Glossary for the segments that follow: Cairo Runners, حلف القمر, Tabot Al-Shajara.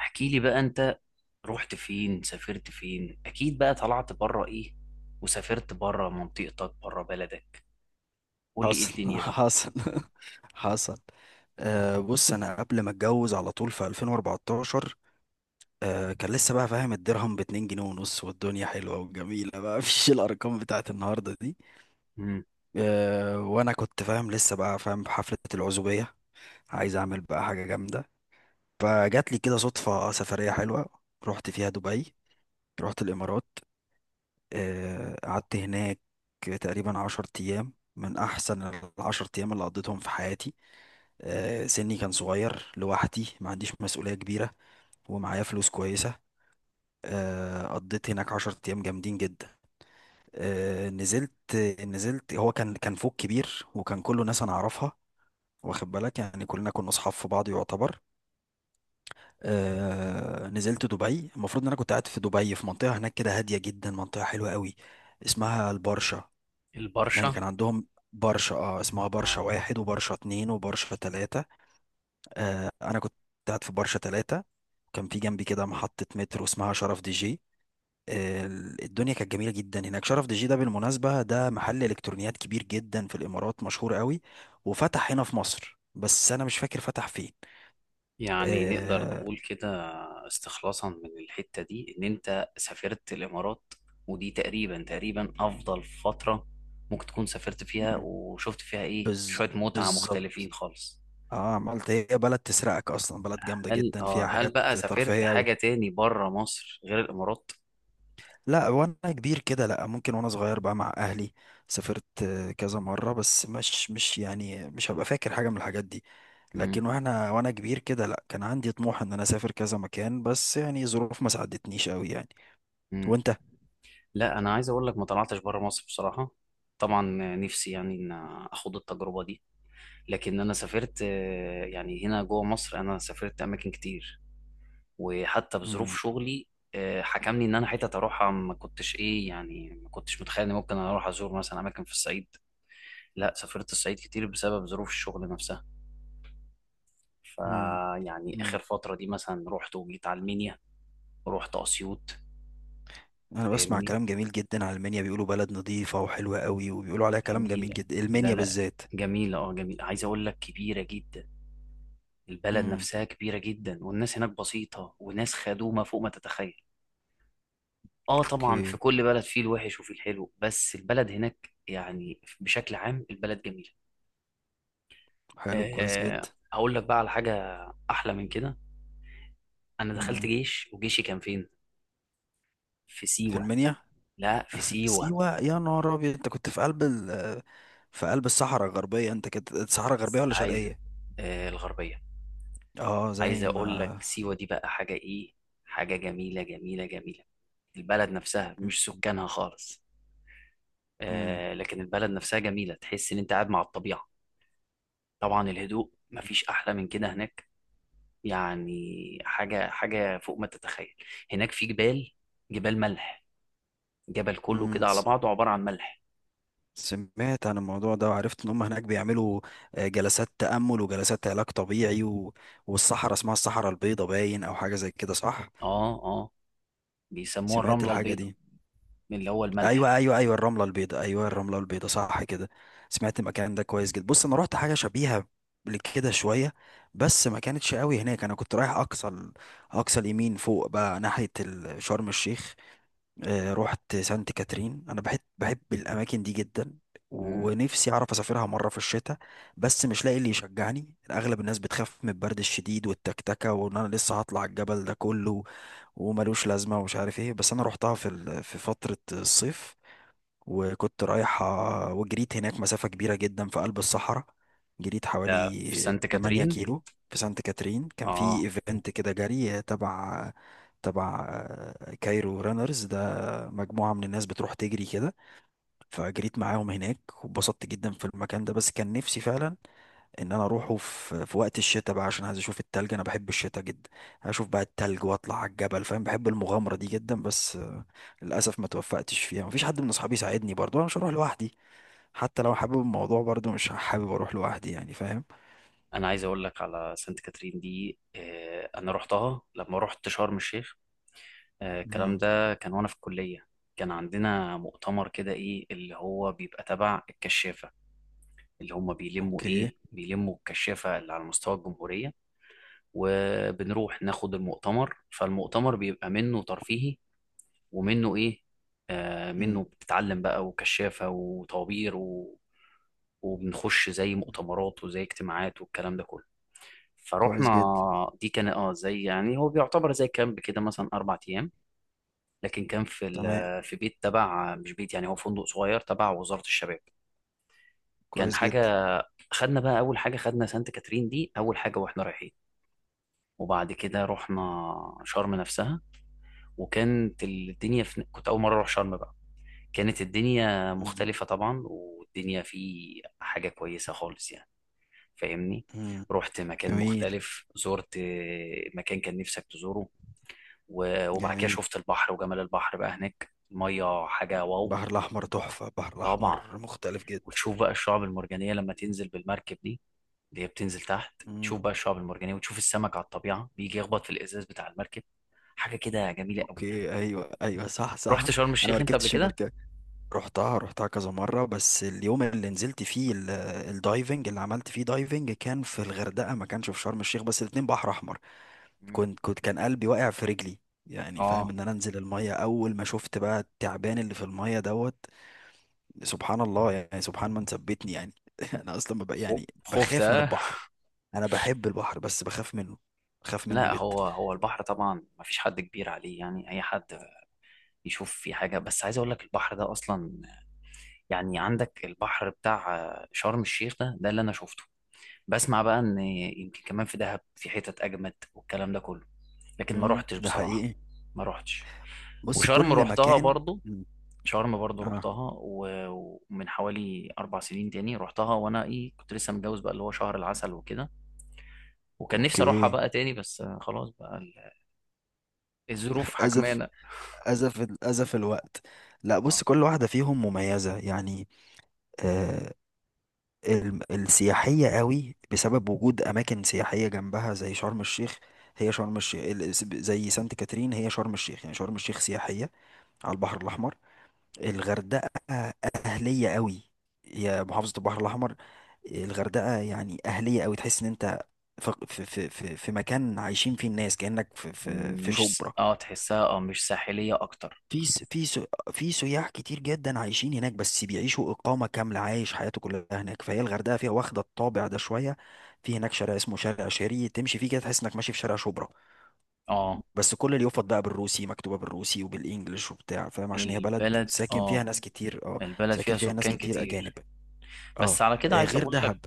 احكي لي بقى انت، رحت فين؟ سافرت فين؟ اكيد بقى طلعت بره، ايه؟ وسافرت بره منطقتك، بره بلدك. قول لي ايه حصل الدنيا بقى. حصل حصل. بص، انا قبل ما اتجوز على طول في 2014. كان لسه بقى فاهم الدرهم ب 2 جنيه ونص، والدنيا حلوه وجميله بقى. مفيش الارقام بتاعت النهارده دي. امم. وانا كنت فاهم لسه بقى فاهم بحفله العزوبيه، عايز اعمل بقى حاجه جامده. فجات لي كده صدفه سفريه حلوه، رحت فيها دبي، رحت الامارات. قعدت هناك تقريبا 10 ايام، من احسن العشر ايام اللي قضيتهم في حياتي. سني كان صغير، لوحدي، ما عنديش مسؤولية كبيرة، ومعايا فلوس كويسة. قضيت هناك عشرة أيام جامدين جدا. آه، نزلت نزلت، هو كان فوق كبير، وكان كله ناس أنا أعرفها، واخد بالك، يعني كلنا كنا أصحاب في بعض يعتبر. نزلت دبي، المفروض إن أنا كنت قاعد في دبي في منطقة هناك كده هادية جدا، منطقة حلوة قوي، اسمها البرشا. يعني البرشا. كان عندهم برشا، اسمها برشا اه، واحد وبرشا اتنين وبرشا تلاتة. انا كنت قاعد في برشا ثلاثة، وكان في جنبي كده محطة مترو اسمها شرف دي جي. آه، الدنيا كانت جميلة جدا هناك. شرف دي جي ده بالمناسبة ده محل الكترونيات كبير جدا في الامارات، مشهور قوي، وفتح هنا في مصر بس انا مش فاكر فتح فين. يعني نقدر آه، نقول كده، استخلاصا من الحتة دي ان انت سافرت الامارات، ودي تقريبا تقريبا افضل فترة ممكن تكون سافرت فيها مم، وشفت فيها ايه بز شوية متعة بالظبط. مختلفين خالص. اه، عملت، هي بلد تسرقك اصلا، بلد جامدة هل جدا اه فيها هل حاجات بقى سافرت ترفيهية قوي. حاجة تاني بره مصر غير الامارات؟ لا، وانا كبير كده لا، ممكن وانا صغير بقى مع اهلي سافرت، كذا مرة، بس مش يعني مش هبقى فاكر حاجة من الحاجات دي. لكن وانا كبير كده لا، كان عندي طموح ان انا اسافر كذا مكان، بس يعني ظروف ما ساعدتنيش قوي يعني. امم. وانت؟ لا، انا عايز اقول لك ما طلعتش بره مصر بصراحه. طبعا نفسي يعني ان اخد التجربه دي، لكن انا سافرت يعني هنا جوه مصر انا سافرت اماكن كتير، وحتى مم. بظروف شغلي. حكمني ان انا حتت اروحها ما كنتش ايه، يعني ما كنتش متخيل ان ممكن اروح ازور مثلا اماكن في الصعيد. لا سافرت الصعيد كتير بسبب ظروف الشغل نفسها، مم. فيعني مم. اخر فتره دي مثلا رحت وجيت على المنيا ورحت اسيوط. انا بسمع فاهمني؟ كلام جميل جدا عن المنيا، بيقولوا بلد نظيفة وحلوة قوي، وبيقولوا عليها كلام جميل جميله. جدا، لا المنيا لا، بالذات. جميلة. اه جميلة، عايز اقول لك كبيرة جدا. البلد مم. نفسها كبيرة جدا، والناس هناك بسيطة، وناس خدومة فوق ما تتخيل. اه طبعا في اوكي، كل بلد فيه الوحش وفيه الحلو، بس البلد هناك يعني بشكل عام البلد جميلة. حلو، كويس آه، جدا. هقول لك بقى على حاجة أحلى من كده. أنا دخلت مم. جيش، وجيشي كان فين؟ في في سيوة. المنيا. لا، في سيوة. سيوة يا نهار أبيض، أنت كنت في قلب الصحراء الغربية، أنت كنت الصحراء الغربية بس ولا عايز، شرقية؟ آه، الغربية. عايز زي أقول لك ما... سيوة دي بقى حاجة إيه؟ حاجة جميلة جميلة جميلة. البلد نفسها، مش سكانها خالص. مم. آه، لكن البلد نفسها جميلة، تحس إن أنت قاعد مع الطبيعة. طبعا الهدوء مفيش احلى من كده هناك، يعني حاجه حاجه فوق ما تتخيل. هناك في جبال، جبال ملح، جبل كله مم. كده على بعضه عباره عن ملح. سمعت عن الموضوع ده، وعرفت إن هم هناك بيعملوا جلسات تأمل وجلسات علاج طبيعي و... والصحراء اسمها الصحراء البيضاء باين، أو حاجة زي كده، صح؟ اه اه، بيسموها سمعت الرمله الحاجة البيضاء، دي. من اللي هو الملح. ايوه ايوه ايوه، الرمله البيضاء، ايوه الرمله البيضاء صح كده. سمعت المكان ده كويس جدا. بص، انا رحت حاجه شبيهه لكده شويه، بس ما كانتش قوي هناك. انا كنت رايح اقصى اليمين فوق بقى شرم الشيخ. رحت سانت كاترين، انا بحب الاماكن دي جدا، امم. ونفسي اعرف اسافرها مره في الشتاء، بس مش لاقي اللي يشجعني. اغلب الناس بتخاف من البرد الشديد والتكتكه، وان انا لسه هطلع الجبل ده كله، وملوش لازمه ومش عارف ايه. بس انا رحتها في فتره الصيف، وكنت رايح، وجريت هناك مسافة كبيرة جدا في قلب الصحراء، جريت ده في حوالي سانت 8 كاترين. كيلو في سانت كاترين. كان في اه، ايفنت كده جري تبع كايرو رانرز ده، مجموعة من الناس بتروح تجري كده، فجريت معاهم هناك، واتبسطت جدا في المكان ده. بس كان نفسي فعلا ان انا اروحه في وقت الشتاء بقى، عشان عايز اشوف التلج، انا بحب الشتاء جدا، اشوف بقى التلج واطلع على الجبل، فاهم، بحب المغامره دي جدا. بس للاسف ما توفقتش فيها، مفيش حد من اصحابي يساعدني، برضه انا مش هروح لوحدي، حتى لو حابب الموضوع برضه مش حابب اروح لوحدي يعني، فاهم؟ انا عايز اقول لك على سانت كاترين دي، آه انا رحتها لما رحت شرم الشيخ. آه، الكلام امم ده كان وانا في الكليه. كان عندنا مؤتمر كده، ايه، اللي هو بيبقى تبع الكشافه، اللي هم بيلموا، اوكي. بيلموا الكشافة اللي على مستوى الجمهورية. وبنروح ناخد المؤتمر، فالمؤتمر بيبقى منه ترفيهي، ومنه ايه، آه، منه امم بتتعلم بقى، وكشافة، وطوابير، و... وبنخش زي مؤتمرات وزي اجتماعات والكلام ده كله. كويس فروحنا. جدا. دي كان اه زي يعني هو بيعتبر زي كامب كده، مثلا 4 ايام. لكن كان في ال... تمام، في بيت تبع، مش بيت يعني، هو فندق صغير تبع وزارة الشباب. كان كويس جدا. حاجة. خدنا بقى اول حاجه، خدنا سانت كاترين دي اول حاجه واحنا رايحين، وبعد كده رحنا شرم نفسها. كنت اول مره اروح شرم بقى. كانت الدنيا امم مختلفه طبعا، والدنيا في حاجه كويسه خالص يعني. فاهمني؟ امم رحت مكان جميل. مختلف، زرت مكان كان نفسك تزوره. و- وبعد كده جميل. شفت البحر وجمال البحر بقى هناك، الميه حاجه واو. البحر الاحمر تحفه، البحر طبعا، الاحمر مختلف جدا. وتشوف بقى الشعب المرجانيه لما تنزل بالمركب دي، اللي هي بتنزل تحت امم تشوف بقى الشعب المرجانية، وتشوف السمك على الطبيعة بيجي يخبط في الإزاز بتاع المركب. حاجة كده جميلة قوي يعني. اوكي، ايوه ايوه، صح صح. رحت شرم انا ما الشيخ أنت قبل ركبتش كده؟ المركبه. رحتها كذا مرة، بس اليوم اللي نزلت فيه الدايفنج، اللي عملت فيه دايفنج كان في الغردقة، ما كانش في شرم الشيخ، بس الاتنين بحر أحمر. مم. كنت كان قلبي واقع في رجلي، يعني فاهم، اه. ان انا انزل المية. اول ما شفت بقى التعبان اللي في المية دوت، سبحان الله، يعني سبحان من ثبتني يعني. انا اصلا ببقى يعني خفت بخاف من آه؟ البحر، انا بحب البحر بس بخاف منه، بخاف منه لا، جدا. هو هو البحر طبعا ما فيش حد كبير عليه، يعني اي حد يشوف في حاجه، بس عايز اقول لك البحر ده اصلا، يعني عندك البحر بتاع شرم الشيخ، ده اللي انا شفته. بسمع بقى ان يمكن كمان في دهب، في حتت اجمد والكلام ده كله، لكن ما روحتش ده بصراحه. حقيقي. ما روحتش. بص، وشرم كل روحتها مكان. برضو. مم. شرم برضو اه، رحتها، و- ومن حوالي 4 سنين تاني رحتها، وأنا إيه كنت لسه متجوز بقى اللي هو شهر العسل وكده. وكان نفسي أروحها اوكي. بقى تاني، بس خلاص بقى الظروف اسف، حكمانة. أزف أزف الوقت. لا بص، آه، كل واحدة فيهم مميزة يعني. آه، السياحية قوي بسبب وجود أماكن سياحية جنبها، زي شرم الشيخ. هي شرم الشيخ زي سانت كاترين، هي شرم الشيخ، يعني شرم الشيخ سياحية، على البحر الأحمر. الغردقة أهلية قوي، هي محافظة البحر الأحمر. الغردقة يعني أهلية قوي، تحس إن أنت في مكان عايشين فيه الناس، كأنك في مش س- شبرا. آه تحسها، مش ساحلية أكتر. في س- في س- في سياح كتير جدا عايشين هناك، بس بيعيشوا إقامة كاملة، عايش حياته كلها هناك، فهي الغردقة فيها واخدة الطابع ده شوية. في هناك شارع اسمه شارع شيري، تمشي فيه كده تحس إنك ماشي في شارع شبرا، آه بس كل اليافط بقى بالروسي، مكتوبة بالروسي وبالإنجلش وبتاع، فاهم، عشان هي بلد البلد، ساكن فيها آه ناس كتير. اه، البلد ساكن فيها فيها ناس سكان كتير أجانب. كتير. اه. بس على كده عايز غير أقول لك، دهب.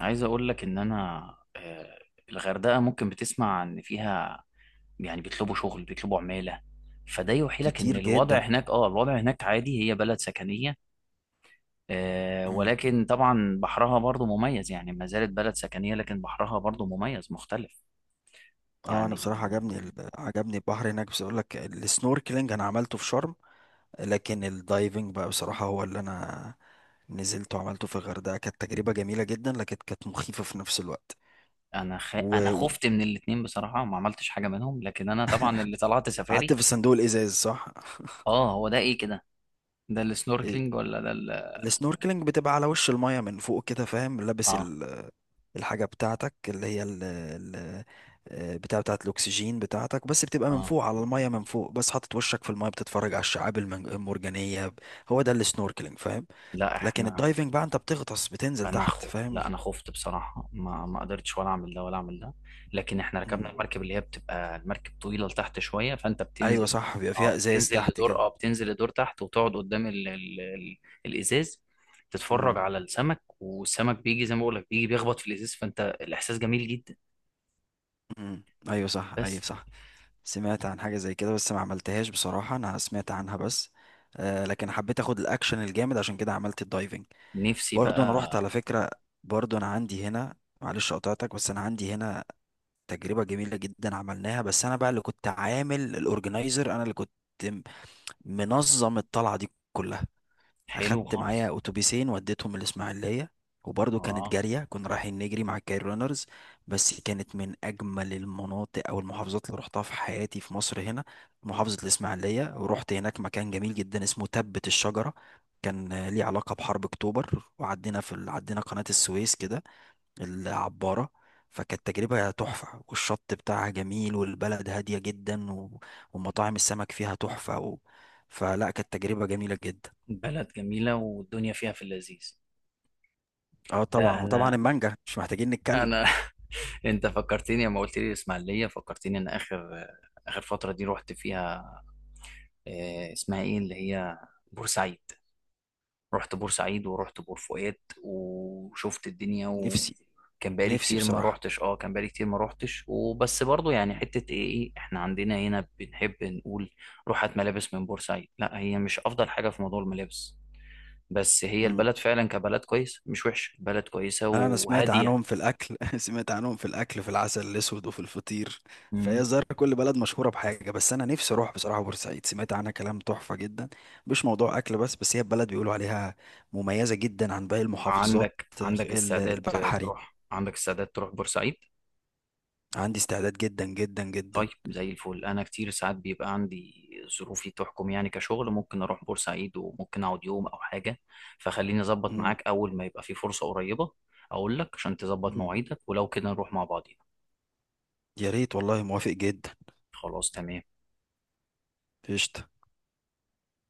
إن أنا، آه، الغردقة ممكن بتسمع إن فيها يعني بيطلبوا شغل، بيطلبوا عمالة، فده يوحي لك ان كتير جدا. الوضع هناك عادي، هي بلد سكنية. آه، مم. ولكن طبعا بحرها برضو مميز، يعني ما زالت بلد سكنية لكن بحرها برضو مميز مختلف اه، انا يعني. بصراحه عجبني البحر هناك. بس اقول لك، السنوركلينج انا عملته في شرم، لكن الدايفنج بقى بصراحة هو اللي انا نزلت وعملته في الغردقة. كانت تجربة جميلة جدا، لكن كانت مخيفة في نفس الوقت. انا و- خفت من الاتنين بصراحة، ما عملتش حاجة منهم، لكن انا طبعا اللي طلعت وقعدت سفاري. في الصندوق الإزاز، صح؟ اه هو ده ايه كده، ده إيه، السنوركلينج ولا ده ال...؟ السنوركلينج بتبقى على وش المية من فوق كده، فاهم، لابس اه الحاجة بتاعتك اللي هي ال بتاعت الأكسجين بتاعتك، بس بتبقى من اه. فوق على المية من فوق، بس حاطط وشك في المية، بتتفرج على الشعاب المرجانية. هو ده السنوركلينج، فاهم؟ لا لكن احنا، الدايفنج بقى انت بتغطس، بتنزل تحت، فاهم؟ لا انا خفت بصراحه، ما قدرتش ولا اعمل ده ولا اعمل ده. لكن احنا ركبنا المركب اللي هي بتبقى المركب طويله لتحت شويه، فانت ايوه بتنزل. صح، بيبقى فيها ازاز تحت كده. بتنزل لدور تحت، وتقعد قدام الازاز، تتفرج امم على السمك، والسمك بيجي زي ما بقول لك بيجي بيخبط في الازاز، فانت الاحساس جميل جدا. ايوه صح، ايوه بس. صح. سمعت عن حاجه زي كده بس ما عملتهاش بصراحه، انا سمعت عنها بس. آه، لكن حبيت اخد الاكشن الجامد، عشان كده عملت الدايفنج. نفسي برضو انا رحت بقى. على فكره، برضو انا عندي هنا، معلش قطعتك، بس انا عندي هنا تجربه جميله جدا عملناها. بس انا بقى اللي كنت عامل الاورجنايزر، انا اللي كنت م- منظم الطلعه دي كلها. حلو اخدت خالص. معايا اتوبيسين وديتهم الاسماعيليه، وبرضه كانت اه، جاريه، كنا رايحين نجري مع الكاير رانرز. بس كانت من اجمل المناطق او المحافظات اللي رحتها في حياتي في مصر هنا، محافظه الاسماعيليه. ورحت هناك مكان جميل جدا اسمه تبت الشجره، كان ليه علاقه بحرب اكتوبر، وعدينا عدينا قناه السويس كده العباره. فكانت تجربة تحفة، والشط بتاعها جميل، والبلد هادية جدا، و... ومطاعم السمك فيها تحفة. و... فلا، كانت تجربة جميلة جدا. بلد جميله والدنيا فيها في اللذيذ. اه لا طبعا، وطبعا انا، المانجا مش محتاجين نتكلم. انا، انت فكرتني لما قلت لي الاسماعيليه، فكرتني ان اخر فتره دي رحت فيها، آه، اسمها ايه، اللي هي بورسعيد. رحت بورسعيد ورحت بور فؤاد وشفت الدنيا، نفسي وكان بقالي نفسي كتير ما بصراحة. روحتش. اه، كان بقالي كتير ما روحتش، وبس برضو، يعني حته ايه ايه، احنا عندنا هنا بنحب نقول روحت ملابس من بورسعيد. لا، هي مش افضل حاجه في موضوع الملابس، بس هي مم. البلد فعلا كبلد كويس، مش وحش، البلد كويسه انا سمعت وهاديه. عنهم في الاكل. سمعت عنهم في الاكل، في العسل الاسود وفي الفطير، فهي الظاهر كل بلد مشهورة بحاجة. بس انا نفسي اروح بصراحة بورسعيد، سمعت عنها كلام تحفة جدا، مش موضوع اكل بس، هي بلد بيقولوا عليها مميزة جدا عن باقي المحافظات عندك استعداد البحري. تروح، عندك استعداد تروح بورسعيد؟ عندي استعداد جدا جدا جدا. طيب زي الفل، انا كتير ساعات بيبقى عندي ظروفي تحكم يعني كشغل، ممكن اروح بورسعيد وممكن اقعد يوم او حاجه، فخليني اظبط مم. معاك اول ما يبقى في فرصه قريبه، اقول لك عشان تظبط مم. مواعيدك ولو كده نروح مع بعضينا. يا ريت والله، موافق جدا. خلاص تمام. قشطة.